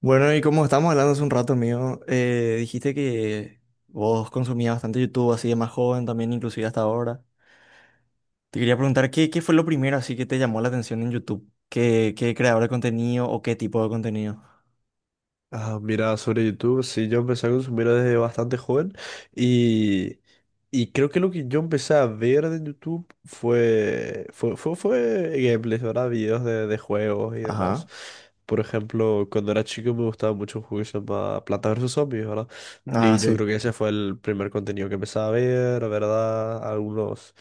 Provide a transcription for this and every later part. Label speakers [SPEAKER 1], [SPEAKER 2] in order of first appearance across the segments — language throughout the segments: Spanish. [SPEAKER 1] Bueno, y como estábamos hablando hace un rato, amigo, dijiste que vos consumías bastante YouTube así de más joven también, inclusive hasta ahora. Te quería preguntar, ¿qué fue lo primero así que te llamó la atención en YouTube? ¿Qué creador de contenido o qué tipo de contenido?
[SPEAKER 2] Ah, mira, sobre YouTube, sí, yo empecé a consumir desde bastante joven y, y creo que lo que yo empecé a ver de YouTube fue gameplays, ¿verdad? Videos de juegos y demás.
[SPEAKER 1] Ajá.
[SPEAKER 2] Por ejemplo, cuando era chico me gustaba mucho un juego que se llama Planta versus Zombies, ¿verdad?
[SPEAKER 1] Ah,
[SPEAKER 2] Y yo
[SPEAKER 1] sí.
[SPEAKER 2] creo que ese fue el primer contenido que empecé a ver, ¿verdad? Algunos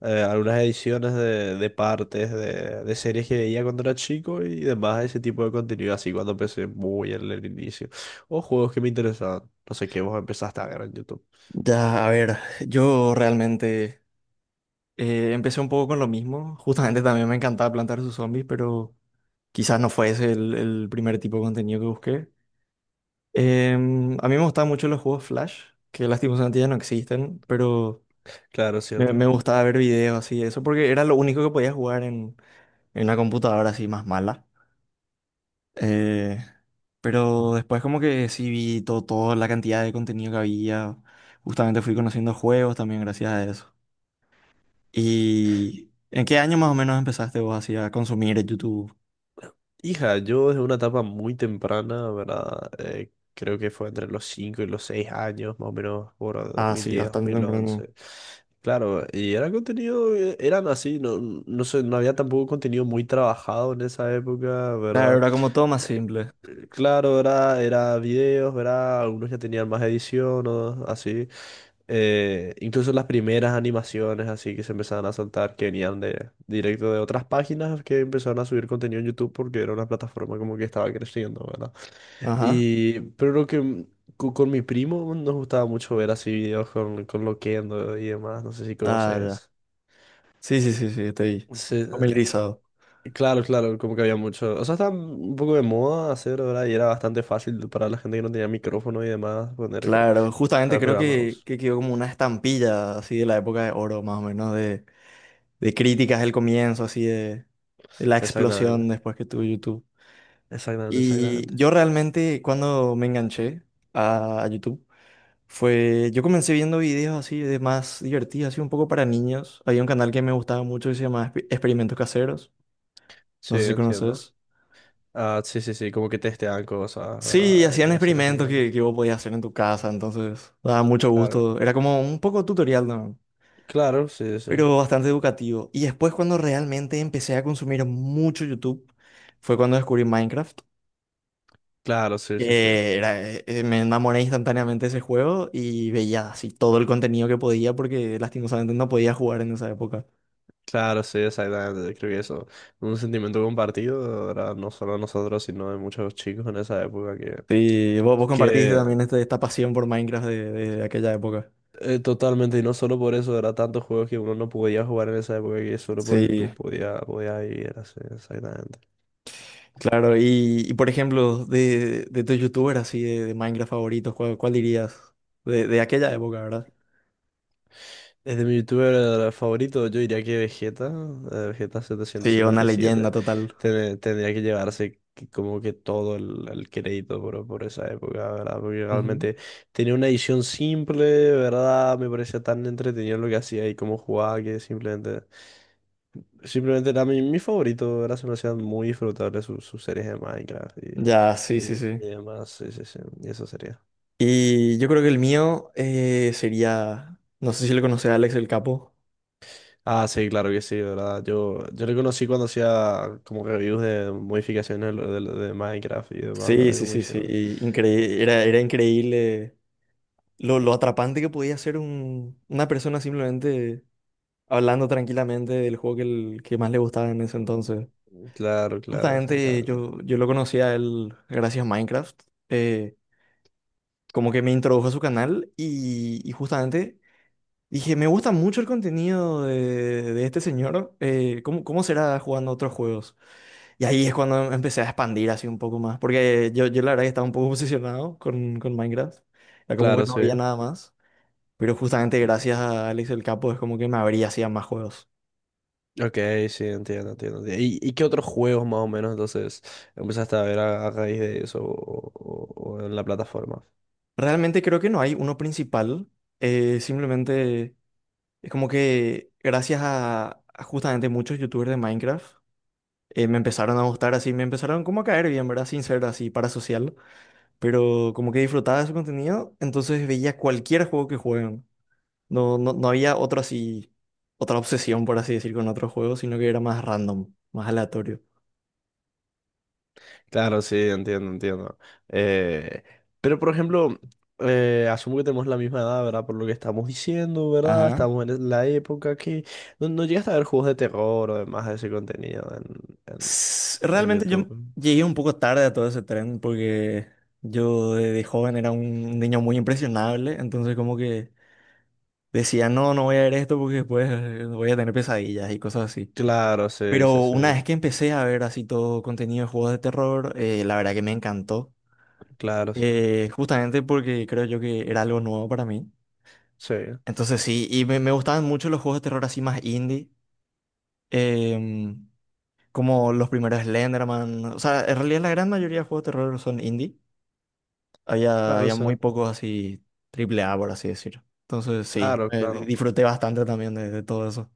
[SPEAKER 2] algunas ediciones de partes de series que veía cuando era chico y demás, ese tipo de contenido, así cuando empecé muy en el inicio. O juegos que me interesaban. No sé qué vos empezaste a ver en YouTube.
[SPEAKER 1] Ya, a ver, yo realmente empecé un poco con lo mismo. Justamente también me encantaba plantar sus zombies, pero quizás no fue ese el primer tipo de contenido que busqué. A mí me gustaban mucho los juegos Flash, que lastimosamente ya no existen, pero
[SPEAKER 2] Claro,
[SPEAKER 1] me,
[SPEAKER 2] cierto.
[SPEAKER 1] me gustaba ver videos así de eso, porque era lo único que podía jugar en una computadora así más mala. Eh, pero después como que sí vi todo, toda la cantidad de contenido que había, justamente fui conociendo juegos también gracias a eso. ¿Y en qué año más o menos empezaste vos así a consumir YouTube?
[SPEAKER 2] Hija, yo desde una etapa muy temprana, ¿verdad? Creo que fue entre los 5 y los 6 años, más o menos, por
[SPEAKER 1] Ah, sí,
[SPEAKER 2] 2010,
[SPEAKER 1] bastante temprano.
[SPEAKER 2] 2011. Claro, y era contenido, eran así, no, no sé, no había tampoco contenido muy trabajado en esa época,
[SPEAKER 1] La
[SPEAKER 2] ¿verdad?
[SPEAKER 1] verdad, como todo más simple.
[SPEAKER 2] Claro, era videos, ¿verdad? Algunos ya tenían más edición o así. Incluso las primeras animaciones así que se empezaban a saltar, que venían de directo de otras páginas que empezaron a subir contenido en YouTube porque era una plataforma como que estaba creciendo, ¿verdad?
[SPEAKER 1] Ajá.
[SPEAKER 2] Y, pero lo que con mi primo nos gustaba mucho ver así videos con Loquendo y demás, no sé si
[SPEAKER 1] Ah, ya.
[SPEAKER 2] conoces.
[SPEAKER 1] Sí, sí, sí, sí, estoy
[SPEAKER 2] Sí,
[SPEAKER 1] familiarizado.
[SPEAKER 2] claro, claro, como que había mucho. O sea, estaba un poco de moda hacer, ¿verdad? Y era bastante fácil para la gente que no tenía micrófono y demás poner que
[SPEAKER 1] Claro, justamente
[SPEAKER 2] el
[SPEAKER 1] creo
[SPEAKER 2] programa.
[SPEAKER 1] que,
[SPEAKER 2] Vos.
[SPEAKER 1] que quedó como una estampilla así de la época de oro, más o menos, de críticas del comienzo, así de la explosión
[SPEAKER 2] Exactamente,
[SPEAKER 1] después que tuvo YouTube.
[SPEAKER 2] exactamente,
[SPEAKER 1] Y
[SPEAKER 2] exactamente.
[SPEAKER 1] yo realmente cuando me enganché a YouTube fue, yo comencé viendo videos así de más divertidos, así un poco para niños. Había un canal que me gustaba mucho que se llamaba Experimentos Caseros,
[SPEAKER 2] Sí,
[SPEAKER 1] no sé si
[SPEAKER 2] entiendo.
[SPEAKER 1] conoces.
[SPEAKER 2] Ah, sí, sí, sí, como que testean cosas,
[SPEAKER 1] Sí,
[SPEAKER 2] ¿verdad? Y
[SPEAKER 1] hacían
[SPEAKER 2] hacen
[SPEAKER 1] experimentos que,
[SPEAKER 2] experimentos.
[SPEAKER 1] que vos podías hacer en tu casa, entonces daba mucho
[SPEAKER 2] Claro,
[SPEAKER 1] gusto. Era como un poco tutorial, ¿no?
[SPEAKER 2] claro, sí, sí.
[SPEAKER 1] Pero bastante educativo. Y después cuando realmente empecé a consumir mucho YouTube, fue cuando descubrí Minecraft,
[SPEAKER 2] Claro, sí, sí, sí.
[SPEAKER 1] me enamoré instantáneamente de ese juego y veía así todo el contenido que podía porque lastimosamente no podía jugar en esa época.
[SPEAKER 2] Claro, sí, exactamente. Creo que eso, un sentimiento compartido, ¿verdad? No solo de nosotros, sino de muchos chicos en esa época que,
[SPEAKER 1] Sí, vos compartiste
[SPEAKER 2] que
[SPEAKER 1] también esta pasión por Minecraft de aquella época.
[SPEAKER 2] Totalmente, y no solo por eso, era tantos juegos que uno no podía jugar en esa época que solo por
[SPEAKER 1] Sí,
[SPEAKER 2] YouTube podía vivir así, exactamente.
[SPEAKER 1] claro. Por ejemplo, de tus youtubers así de Minecraft favoritos, ¿cuál dirías? De aquella época, ¿verdad?
[SPEAKER 2] Desde mi youtuber favorito, yo diría que Vegeta, Vegeta
[SPEAKER 1] Sí, una leyenda
[SPEAKER 2] 777,
[SPEAKER 1] total.
[SPEAKER 2] tendría que llevarse como que todo el crédito por esa época, ¿verdad? Porque realmente tenía una edición simple, ¿verdad? Me parecía tan entretenido lo que hacía y cómo jugaba que simplemente era mi favorito, era, se me hacían muy disfrutables sus series de Minecraft y,
[SPEAKER 1] Ya, sí, sí,
[SPEAKER 2] y,
[SPEAKER 1] sí.
[SPEAKER 2] y demás, sí, sí, sí, y eso sería.
[SPEAKER 1] Y yo creo que el mío sería, no sé si lo conoce Alex el Capo.
[SPEAKER 2] Ah, sí, claro que sí, ¿verdad? Yo le conocí cuando hacía como reviews de modificaciones de Minecraft y demás,
[SPEAKER 1] Sí,
[SPEAKER 2] era
[SPEAKER 1] sí,
[SPEAKER 2] como que
[SPEAKER 1] sí,
[SPEAKER 2] sí,
[SPEAKER 1] sí. Era, era increíble lo atrapante que podía ser una persona simplemente hablando tranquilamente del juego que, el, que más le gustaba en ese entonces.
[SPEAKER 2] claro, claro,
[SPEAKER 1] Justamente
[SPEAKER 2] exactamente.
[SPEAKER 1] yo lo conocí a él gracias a Minecraft. eh, Como que me introdujo a su canal y justamente dije, me gusta mucho el contenido de este señor. ¿Cómo será jugando otros juegos? Y ahí es cuando empecé a expandir así un poco más. Porque yo la verdad que estaba un poco obsesionado con Minecraft. Era como que
[SPEAKER 2] Claro,
[SPEAKER 1] no
[SPEAKER 2] sí.
[SPEAKER 1] veía nada más. Pero justamente
[SPEAKER 2] Ujú.
[SPEAKER 1] gracias a Alex el Capo es como que me abría hacia más juegos.
[SPEAKER 2] Ok, sí, entiendo, entiendo. Y qué otros juegos más o menos entonces empezaste a ver a raíz de eso o en la plataforma?
[SPEAKER 1] Realmente creo que no hay uno principal. Simplemente es como que gracias a justamente muchos youtubers de Minecraft me empezaron a gustar así. Me empezaron como a caer bien, ¿verdad? Sin ser así parasocial. Pero como que disfrutaba de su contenido, entonces veía cualquier juego que jueguen. No había otra así, otra obsesión, por así decir, con otros juegos, sino que era más random, más aleatorio.
[SPEAKER 2] Claro, sí, entiendo, entiendo. Eh, pero, por ejemplo, asumo que tenemos la misma edad, ¿verdad? Por lo que estamos diciendo, ¿verdad?
[SPEAKER 1] Ajá.
[SPEAKER 2] Estamos en la época que no, no llegaste a ver juegos de terror o demás de ese contenido en
[SPEAKER 1] Realmente yo
[SPEAKER 2] YouTube.
[SPEAKER 1] llegué un poco tarde a todo ese tren porque yo de joven era un niño muy impresionable, entonces como que decía, no, no voy a ver esto porque después voy a tener pesadillas y cosas así.
[SPEAKER 2] Claro, sí, sí,
[SPEAKER 1] Pero
[SPEAKER 2] sí.
[SPEAKER 1] una vez
[SPEAKER 2] Ya.
[SPEAKER 1] que empecé a ver así todo contenido de juegos de terror, la verdad que me encantó.
[SPEAKER 2] Claro, sí.
[SPEAKER 1] Justamente porque creo yo que era algo nuevo para mí.
[SPEAKER 2] Sí,
[SPEAKER 1] Entonces sí, y me gustaban mucho los juegos de terror así más indie, em, como los primeros Slenderman. O sea, en realidad la gran mayoría de juegos de terror son indie.
[SPEAKER 2] claro,
[SPEAKER 1] Había
[SPEAKER 2] sí.
[SPEAKER 1] muy pocos así triple A, por así decirlo. Entonces sí,
[SPEAKER 2] Claro, claro.
[SPEAKER 1] disfruté bastante también de todo eso.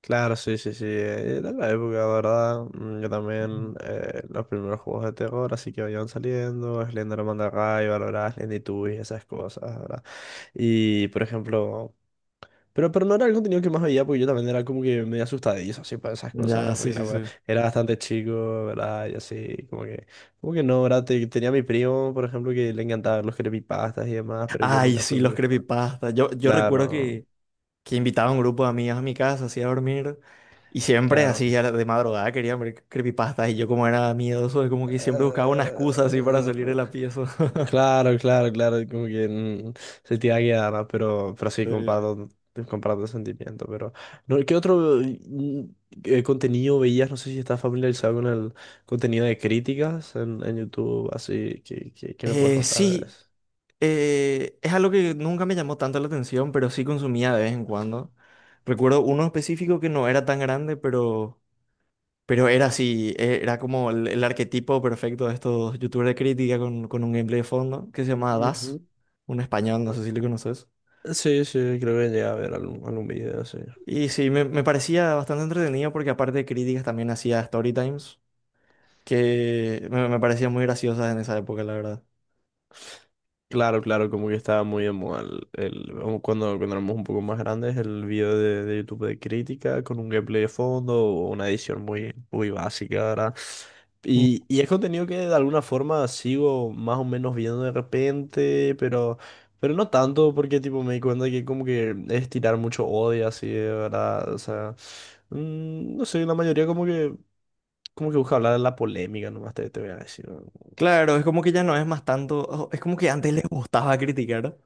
[SPEAKER 2] Claro, sí, sí, sí. Era la época, ¿verdad? Yo también, los primeros juegos de terror, así que vayan saliendo, Slender Mandarray, Valorant, Slendytubbies, esas cosas, ¿verdad? Y, por ejemplo... pero no era el contenido que más veía, porque yo también era como que medio asustadizo, así, para esas cosas,
[SPEAKER 1] Ya,
[SPEAKER 2] ¿verdad?
[SPEAKER 1] sí,
[SPEAKER 2] Porque
[SPEAKER 1] sí, sí.
[SPEAKER 2] era bastante chico, ¿verdad? Y así, como que... Como que no, ¿verdad? Tenía a mi primo, por ejemplo, que le encantaban los creepypastas y demás, pero yo
[SPEAKER 1] Ay,
[SPEAKER 2] nunca
[SPEAKER 1] sí,
[SPEAKER 2] fui
[SPEAKER 1] los
[SPEAKER 2] muy fan.
[SPEAKER 1] creepypastas. Yo recuerdo
[SPEAKER 2] Claro,
[SPEAKER 1] que invitaba a un grupo de amigas a mi casa, así a dormir. Y siempre
[SPEAKER 2] claro.
[SPEAKER 1] así de madrugada querían ver creepypastas y yo como era miedoso, como que siempre buscaba una excusa así para
[SPEAKER 2] Eh,
[SPEAKER 1] salir de la pieza.
[SPEAKER 2] Claro, claro, claro, como que se te va a quedar, ¿no? Pero sí,
[SPEAKER 1] Sí.
[SPEAKER 2] comparto, comparto el sentimiento, pero... No, ¿qué otro contenido veías? No sé si estás familiarizado con el contenido de críticas en YouTube, así, ¿qué me puedes
[SPEAKER 1] Eh,
[SPEAKER 2] contar de
[SPEAKER 1] sí,
[SPEAKER 2] eso?
[SPEAKER 1] es algo que nunca me llamó tanto la atención, pero sí consumía de vez en cuando. Recuerdo uno específico que no era tan grande, pero era así, era como el arquetipo perfecto de estos youtubers de crítica con un gameplay de fondo que se llamaba Das,
[SPEAKER 2] Ujú.
[SPEAKER 1] un español, no sé si lo conoces.
[SPEAKER 2] Sí, sí, creo que llegué a ver algún, algún video, sí.
[SPEAKER 1] Y sí, me parecía bastante entretenido porque aparte de críticas también hacía story times que me parecían muy graciosas en esa época, la verdad.
[SPEAKER 2] Claro, claro, como que estaba muy en moda como cuando, cuando éramos un poco más grandes, el video de YouTube de crítica con un gameplay de fondo o una edición muy, muy básica, ¿verdad?
[SPEAKER 1] Mm.
[SPEAKER 2] Y es contenido que de alguna forma sigo más o menos viendo de repente, pero no tanto, porque tipo me di cuenta que como que es tirar mucho odio así, de verdad. O sea, no sé, la mayoría como como que busca hablar de la polémica, nomás te voy a decir. ¿No?
[SPEAKER 1] Claro, es como que ya no es más tanto, oh, es como que antes les gustaba criticar,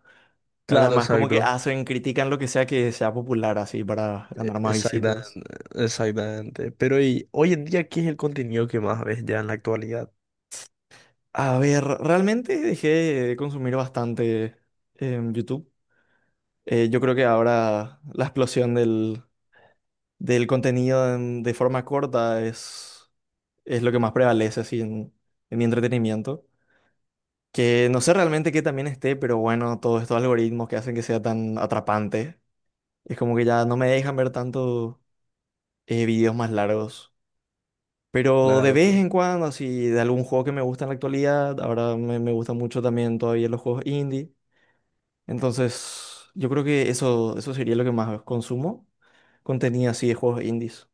[SPEAKER 1] ahora es
[SPEAKER 2] Claro,
[SPEAKER 1] más como que
[SPEAKER 2] exacto.
[SPEAKER 1] hacen, critican lo que sea popular así para ganar más visitas.
[SPEAKER 2] Exactamente, exactamente. Pero y hoy en día, ¿qué es el contenido que más ves ya en la actualidad?
[SPEAKER 1] A ver, realmente dejé de consumir bastante en YouTube. Yo creo que ahora la explosión del contenido de forma corta es lo que más prevalece así en mi entretenimiento. Que no sé realmente qué también esté, pero bueno, todos estos algoritmos que hacen que sea tan atrapante, es como que ya no me dejan ver tanto videos más largos. Pero de
[SPEAKER 2] Claro,
[SPEAKER 1] vez
[SPEAKER 2] claro.
[SPEAKER 1] en cuando, así, de algún juego que me gusta en la actualidad, ahora me gustan mucho también todavía los juegos indie. Entonces, yo creo que eso sería lo que más consumo, contenido así de juegos indies.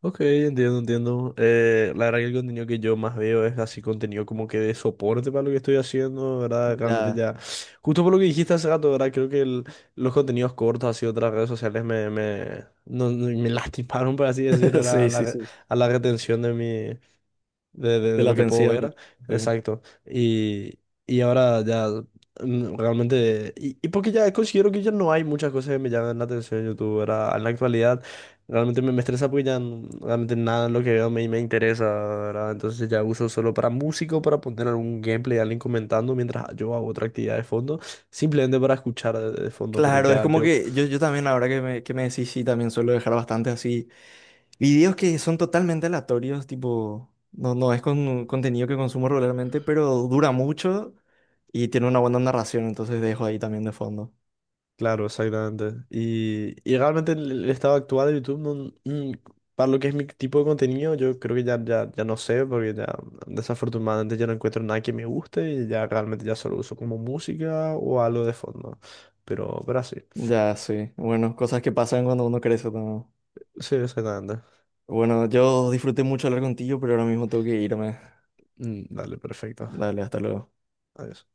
[SPEAKER 2] Ok, entiendo, entiendo. La verdad que el contenido que yo más veo es así contenido como que de soporte para lo que estoy haciendo, ¿verdad? Realmente
[SPEAKER 1] Ya,
[SPEAKER 2] ya, justo por lo que dijiste hace rato, ¿verdad? Creo que los contenidos cortos así de otras redes sociales me, me, no- no- me lastimaron, por así decir, ¿verdad? A
[SPEAKER 1] sí, sí, sí,
[SPEAKER 2] a la retención de
[SPEAKER 1] de
[SPEAKER 2] de
[SPEAKER 1] la
[SPEAKER 2] lo que puedo
[SPEAKER 1] atención.
[SPEAKER 2] ver.
[SPEAKER 1] Sí.
[SPEAKER 2] Exacto. Y ahora ya realmente... Y porque ya considero que ya no hay muchas cosas que me llaman la atención en YouTube, ¿verdad? En la actualidad realmente me estresa porque ya realmente nada en lo que veo me interesa, ¿verdad? Entonces ya uso solo para músico, para poner algún gameplay, alguien comentando mientras yo hago otra actividad de fondo, simplemente para escuchar de fondo, pero
[SPEAKER 1] Claro, es
[SPEAKER 2] ya
[SPEAKER 1] como
[SPEAKER 2] yo
[SPEAKER 1] que yo también, ahora que que me decís, sí, también suelo dejar bastante así. Videos que son totalmente aleatorios, tipo, no es con contenido que consumo regularmente, pero dura mucho y tiene una buena narración, entonces dejo ahí también de fondo.
[SPEAKER 2] claro, exactamente. Y realmente el estado actual de YouTube, no- para lo que es mi tipo de contenido, yo creo que ya no sé, porque ya desafortunadamente ya no encuentro nada que me guste y ya realmente ya solo uso como música o algo de fondo. Pero así.
[SPEAKER 1] Ya, sí. Bueno, cosas que pasan cuando uno crece también.
[SPEAKER 2] Sí, exactamente.
[SPEAKER 1] Bueno, yo disfruté mucho hablar contigo, pero ahora mismo tengo que irme.
[SPEAKER 2] Dale, perfecto.
[SPEAKER 1] Dale, hasta luego.
[SPEAKER 2] Adiós.